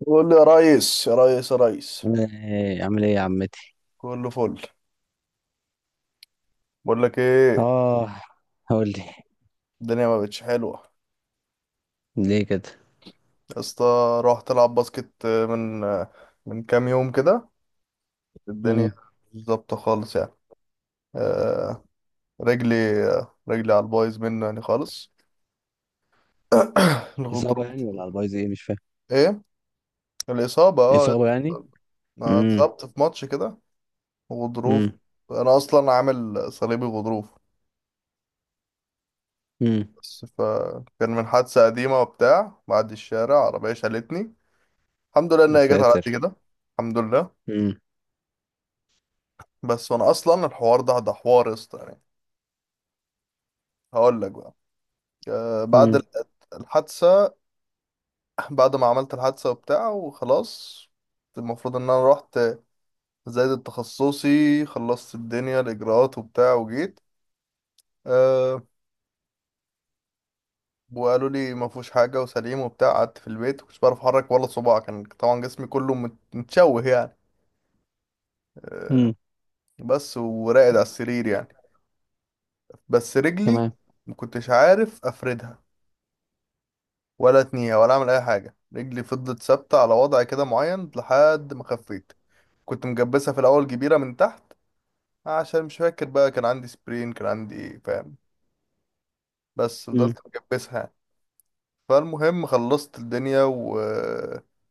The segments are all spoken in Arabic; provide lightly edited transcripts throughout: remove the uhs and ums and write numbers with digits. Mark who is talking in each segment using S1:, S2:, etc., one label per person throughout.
S1: بقول له يا ريس يا ريس يا ريس.
S2: ايه عامل ايه يا عمتي؟
S1: كله فل. بقول لك ايه؟
S2: اه، قول لي.
S1: الدنيا ما بقتش حلوه
S2: ليه كده؟
S1: يا اسطى. رحت العب باسكت من كام يوم كده. الدنيا
S2: امم
S1: مش ظابطه خالص يعني. آه. رجلي رجلي على البايظ منه يعني خالص.
S2: اصابه
S1: الغضروف.
S2: يعني ولا على البايظ ايه؟ مش فاهم.
S1: ايه الاصابه اه.
S2: اصابه يعني.
S1: انا
S2: امم
S1: اتصبت في ماتش كده. غضروف.
S2: امم
S1: انا اصلا عامل صليبي غضروف.
S2: امم
S1: بس فكان من حادثه قديمه وبتاع بعد الشارع عربيه شالتني. الحمد لله ان
S2: يا
S1: هي جت على قد
S2: ساتر.
S1: كده. الحمد لله.
S2: امم
S1: بس وانا اصلا الحوار ده حوار يا اسطى يعني. هقول لك بقى. بعد
S2: امم
S1: الحادثه. بعد ما عملت الحادثه وبتاع وخلاص. المفروض ان انا رحت. زايد تخصصي خلصت الدنيا الاجراءات وبتاع وجيت. أه. وقالوا لي ما فيهوش حاجه وسليم وبتاع. قعدت في البيت مش بعرف احرك ولا صباع. كان طبعا جسمي كله متشوه يعني. أه.
S2: امم
S1: بس وراقد على السرير يعني. بس رجلي
S2: تمام.
S1: ما كنتش عارف افردها ولا اتنيه ولا اعمل اي حاجه. رجلي فضلت ثابته على وضع كده معين لحد ما خفيت. كنت مجبسها في الاول كبيره من تحت عشان مش فاكر بقى. كان عندي سبرين كان عندي ايه فاهم. بس
S2: امم
S1: فضلت مجبسها يعني. فالمهم خلصت الدنيا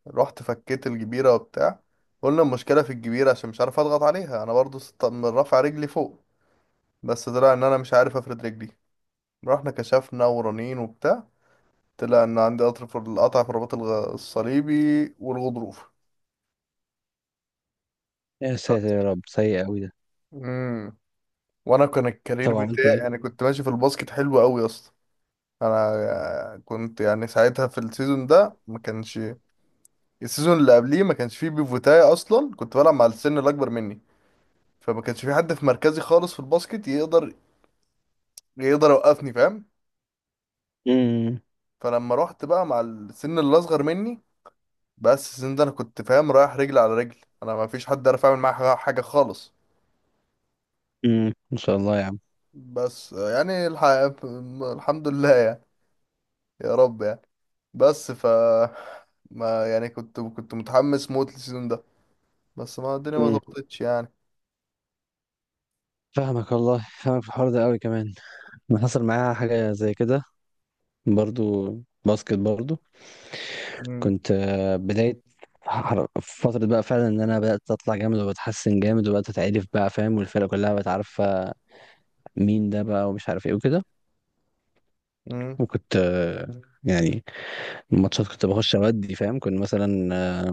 S1: ورحت فكيت الجبيره وبتاع. قلنا المشكله في الجبيره عشان مش عارف اضغط عليها انا برضو، من رافع رجلي فوق. بس طلع ان انا مش عارف افرد رجلي. رحنا كشفنا ورنين وبتاع. طلع ان عندي قطر في القطع في الرباط الصليبي والغضروف.
S2: يا ساتر يا رب، سيء قوي ده.
S1: امم. وانا كان الكارير
S2: طب عملت
S1: بتاعي، انا
S2: ايه؟
S1: كنت ماشي في الباسكت حلو قوي يا اسطى. انا كنت يعني ساعتها في السيزون ده ما كانش. السيزون اللي قبليه ما كانش فيه بيفوتاي اصلا، كنت بلعب مع السن الاكبر مني. فما كانش في حد في مركزي خالص في الباسكت يقدر يوقفني فاهم.
S2: امم
S1: فلما رحت بقى مع السن اللي اصغر مني، بس السن ده انا كنت فاهم رايح رجل على رجل. انا ما فيش حد عارف اعمل معاه حاجة خالص.
S2: ان شاء الله يا عم.
S1: بس يعني الحمد لله يعني. يا رب يعني. بس ما يعني كنت متحمس موت للسيزون ده. بس ما الدنيا ما
S2: امم
S1: ظبطتش يعني.
S2: فاهمك والله، فاهمك في الحوار ده قوي كمان. أنا حصل معايا حاجه زي كده، برضو باسكت برضو.
S1: امم.
S2: كنت بداية فترة بقى فعلا ان انا بدأت اطلع جامد وبتحسن جامد، وبدأت اتعرف بقى فاهم، والفرقة كلها بقت عارفة مين ده بقى ومش عارف ايه وكده.
S1: امم.
S2: وكنت يعني الماتشات كنت بخش اودي فاهم. كنت مثلا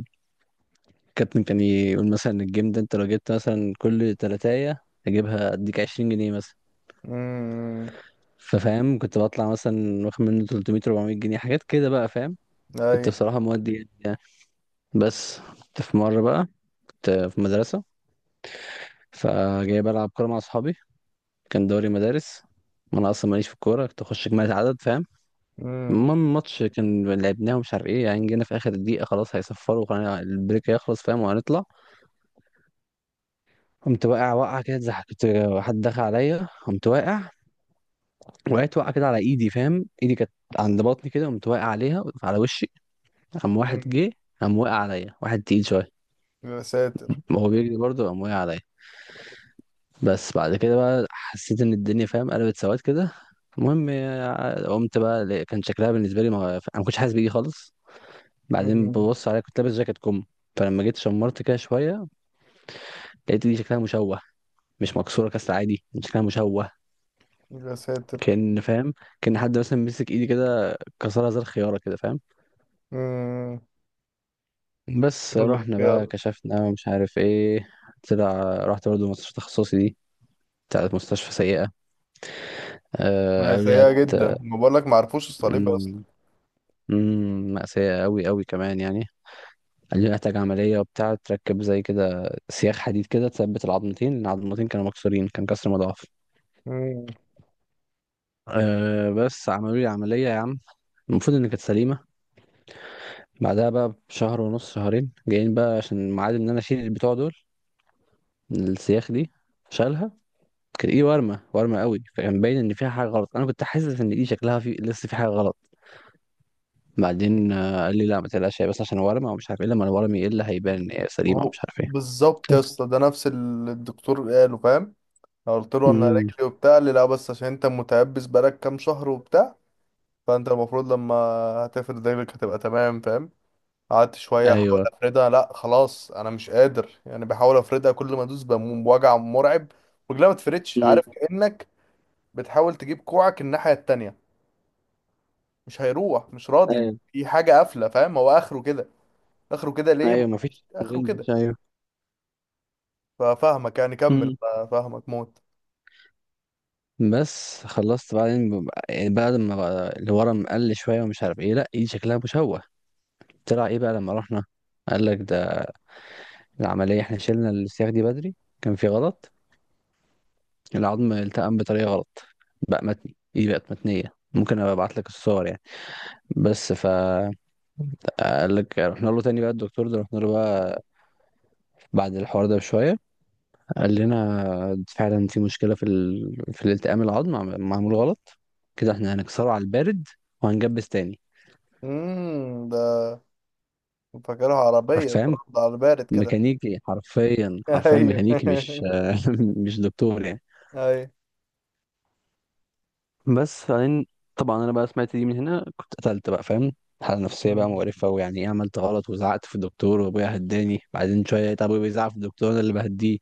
S2: الكابتن كان يقول مثلا الجيم ده انت لو جبت مثلا كل تلاتاية اجيبها اديك 20 جنيه مثلا.
S1: امم.
S2: ففاهم كنت بطلع مثلا واخد منه 300 400 جنيه، حاجات كده بقى فاهم. كنت
S1: اي.
S2: بصراحة مودي جامد يعني. بس كنت في مرة بقى، كنت في مدرسة، فجاي بلعب كورة مع أصحابي، كان دوري مدارس. وانا اصلا ماليش في الكوره، كنت اخش اجمالي عدد فاهم.
S1: امم.
S2: المهم الماتش كان لعبناه ومش عارف ايه، يعني جينا في اخر دقيقه خلاص هيصفروا، خلينا البريك هيخلص فاهم وهنطلع. قمت واقع وقعه كده، اتزحلقت، حد دخل عليا قمت واقع، وقعت وقعه كده على ايدي فاهم، ايدي كانت عند بطني كده، قمت واقع عليها على وشي. قام واحد
S1: امم.
S2: جه، قام واقع عليا واحد تقيل شويه،
S1: يا ساتر.
S2: وهو بيجري برضه قام واقع عليا. بس بعد كده بقى حسيت ان الدنيا فاهم قلبت سواد كده. المهم قمت بقى كان شكلها بالنسبه لي ما انا ما كنتش حاسس بيه خالص. بعدين
S1: امم.
S2: ببص عليها، كنت لابس جاكيت كم، فلما جيت شمرت كده شويه لقيت دي شكلها مشوه، مش مكسوره كسر عادي، شكلها مشوه.
S1: يا ساتر.
S2: كان فاهم، كان حد مثلا مسك ايدي كده كسرها زي الخياره كده فاهم.
S1: امم.
S2: بس
S1: والله
S2: رحنا بقى
S1: خيار.
S2: كشفنا ومش عارف ايه، طلع رحت برضه مستشفى تخصصي دي، بتاعت مستشفى سيئه.
S1: ما
S2: آه
S1: هي
S2: قالوا لي
S1: سيئة جدا،
S2: هت.
S1: ما بقول لك، ما عرفوش الصليب اصلا.
S2: مأساة قوي قوي كمان يعني. قال لي محتاج عملية وبتاع، تركب زي كده سياخ حديد كده تثبت العظمتين، لأن العظمتين كانوا مكسورين، كان كسر مضاعف.
S1: امم.
S2: أه بس عملوا لي عملية يا عم. المفروض إن كانت سليمة. بعدها بقى بشهر ونص شهرين جايين بقى، عشان ميعاد إن أنا أشيل البتوع دول، السياخ دي، شالها. كانت إيدي ورمة، ورمة قوي، فكان باين إن فيها حاجة غلط. أنا كنت حاسس إن إيدي شكلها في لسه في حاجة غلط. بعدين قال لي لا ما تقلقش، هي بس عشان ورمة ومش عارف إيه، لما الورم يقل هيبان إن هي سليمة
S1: اهو
S2: ومش عارف
S1: بالظبط يا اسطى، ده نفس اللي الدكتور قاله فاهم. أنا قلت له انا
S2: إيه.
S1: رجلي وبتاع، قال لي لا بس عشان انت متيبس بقالك كام شهر وبتاع. فانت المفروض لما هتفرد رجلك هتبقى تمام فاهم. قعدت شويه احاول
S2: ايوه.
S1: افردها. لا خلاص، انا مش قادر يعني. بحاول افردها، كل ما ادوس بموم بوجع مرعب. رجلها ما تفردش.
S2: امم
S1: عارف كانك بتحاول تجيب كوعك الناحيه التانية، مش هيروح، مش راضي،
S2: ايوه.
S1: في حاجه قافله فاهم. هو اخره كده. اخره كده ليه؟ ما
S2: ايوه
S1: اعرفش.
S2: مفيش
S1: اخره كده.
S2: رينج، ايوه.
S1: ففاهمك يعني، كمل.
S2: امم
S1: فاهمك موت.
S2: بس خلصت بعدين يعني بعد ما بقى اللي ورا مقل شويه ومش عارف ايه، لا ايدي شكلها مشوه. طلع ايه بقى لما رحنا؟ قال لك ده العمليه احنا شلنا السياخ دي بدري، كان في غلط، العظم التئم بطريقه غلط، بقى متني، ايدي بقت متنيه، ممكن ابقى ابعت لك الصور يعني. بس ف قال لك رحنا له تاني بقى الدكتور ده، رحنا له بقى بعد الحوار ده بشويه. قال لنا فعلا في مشكلة في في الالتئام، العظم معمول غلط كده، احنا هنكسره على البارد وهنجبس تاني.
S1: امم. ده فاكرها عربيه
S2: حرفيا
S1: ترد على البارد كده.
S2: ميكانيكي، حرفيا حرفيا
S1: ايوه
S2: ميكانيكي، مش مش دكتور يعني.
S1: ايوه.
S2: بس فبعدين طبعا انا بقى سمعت دي من هنا، كنت قتلت بقى فاهم، حالة نفسية بقى
S1: أمم.
S2: مقرفة، ويعني ايه عملت غلط، وزعقت في الدكتور وابويا هداني. بعدين شوية لقيت ابويا بيزعق في الدكتور انا اللي بهديه.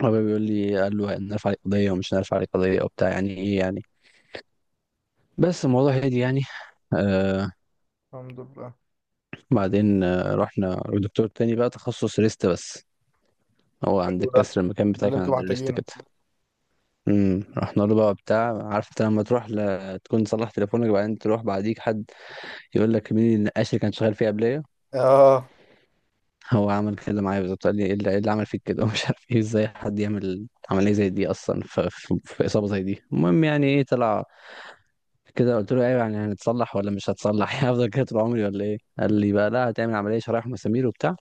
S2: ابويا بيقول لي قال له هنرفع عليك قضية ومش هنرفع عليك قضية وبتاع، يعني ايه يعني. بس الموضوع هادي يعني آه،
S1: الحمد لله.
S2: بعدين رحنا لدكتور تاني بقى تخصص ريست بس، هو عند
S1: حلو ده.
S2: الكسر المكان
S1: ده
S2: بتاعي
S1: اللي
S2: كان
S1: انتوا
S2: عند الريست
S1: محتاجينه.
S2: كده. رحنا له بقى بتاع، عارف انت لما تروح تكون صلح تليفونك بعدين تروح بعديك حد يقول لك مين النقاش اللي كان شغال فيه قبليه.
S1: اه.
S2: هو عمل كده معايا بالظبط، قال لي ايه اللي إيه اللي عمل فيك كده ومش عارف ايه، ازاي حد يعمل عمليه زي دي اصلا في اصابه زي دي. المهم يعني ايه، طلع كده قلت له ايوه يعني هنتصلح ولا مش هتصلح هفضل كده طول عمري ولا ايه؟ قال لي بقى لا هتعمل عمليه شرايح مسامير وبتاع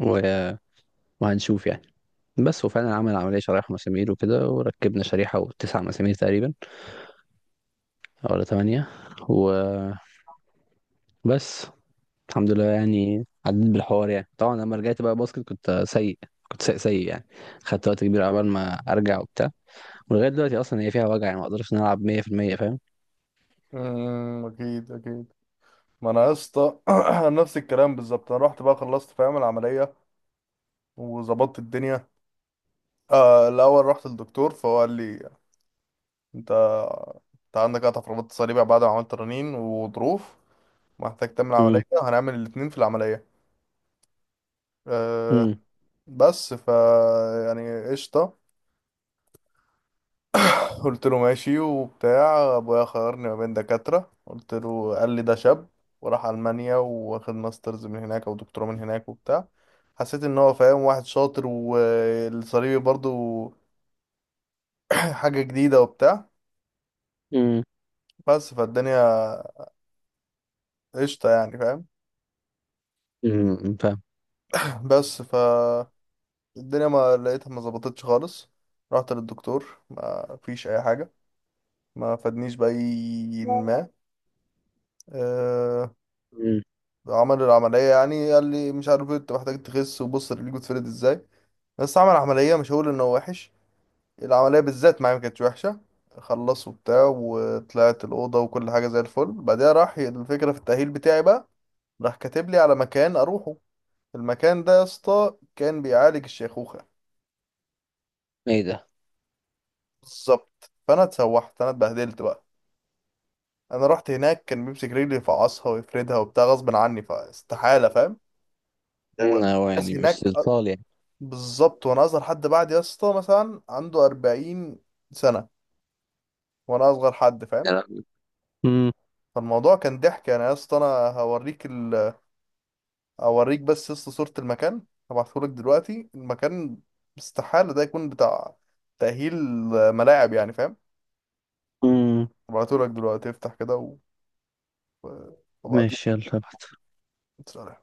S2: و... وهنشوف يعني. بس وفعلا عمل عملية شرايح ومسامير وكده، وركبنا شريحة وتسع مسامير تقريبا، ولا تمانية، وبس. الحمد لله يعني، عديت بالحوار يعني. طبعا لما رجعت بقى باسكت كنت سيء، كنت سيء سيء يعني، خدت وقت كبير عبال ما ارجع وبتاع. ولغاية دلوقتي اصلا هي فيها وجع، يعني ما اقدرش ان أنا العب 100% فاهم.
S1: امم، اكيد اكيد. ما انا يا اسطى نفس الكلام بالظبط. انا رحت بقى، خلصت فاهم العمليه وظبطت الدنيا. آه، الاول رحت للدكتور فهو قال لي، انت انت عندك قطع في رباط الصليبي بعد ما عملت رنين وظروف. محتاج تعمل عمليه،
S2: امم
S1: هنعمل الاتنين في العمليه. آه.
S2: امم
S1: بس يعني قشطه. قلت له ماشي وبتاع. ابويا خيرني ما بين دكاترة، قلت له، قال لي ده شاب وراح ألمانيا واخد ماسترز من هناك او دكتوراه من هناك وبتاع. حسيت ان هو فاهم، واحد شاطر، والصليبي برضو حاجة جديدة وبتاع.
S2: امم
S1: بس فالدنيا قشطة يعني فاهم.
S2: أمم، فاهم.
S1: بس فالدنيا ما لقيتها. ما ظبطتش خالص. رحت للدكتور ما فيش اي حاجة. ما فادنيش بأي ما. آه،
S2: امم
S1: عمل العملية يعني. قال لي مش عارف إيه، انت محتاج تخس، وبص رجليك بتفرد ازاي. بس عمل عملية مش هقول انه وحش. العملية بالذات معايا ما كانتش وحشة. خلص وبتاع وطلعت الأوضة وكل حاجة زي الفل. بعدها راح الفكرة في التأهيل بتاعي بقى. راح كاتب لي على مكان أروحه. المكان ده يا اسطى كان بيعالج الشيخوخة.
S2: ايه ده؟
S1: بالظبط. فأنا اتسوحت، أنا اتبهدلت بقى. أنا رحت هناك كان بيمسك رجلي، يفعصها ويفردها وبتاع غصب عني، فاستحالة فاهم.
S2: هو
S1: والناس
S2: يعني مش
S1: هناك،
S2: اطفال يعني.
S1: بالظبط، وانا اصغر حد. بعد يا اسطى مثلا عنده 40 سنه، وانا اصغر حد فاهم.
S2: امم
S1: فالموضوع كان ضحك يعني يا اسطى. انا هوريك اوريك بس يا اسطى صوره المكان. هبعتهولك دلوقتي المكان. استحاله ده يكون بتاع تاهيل ملاعب يعني فاهم.
S2: امم
S1: هبعتهولك دلوقتي، افتح كده وابعتهولك.
S2: ماشي، يلا ابعت.
S1: سلام.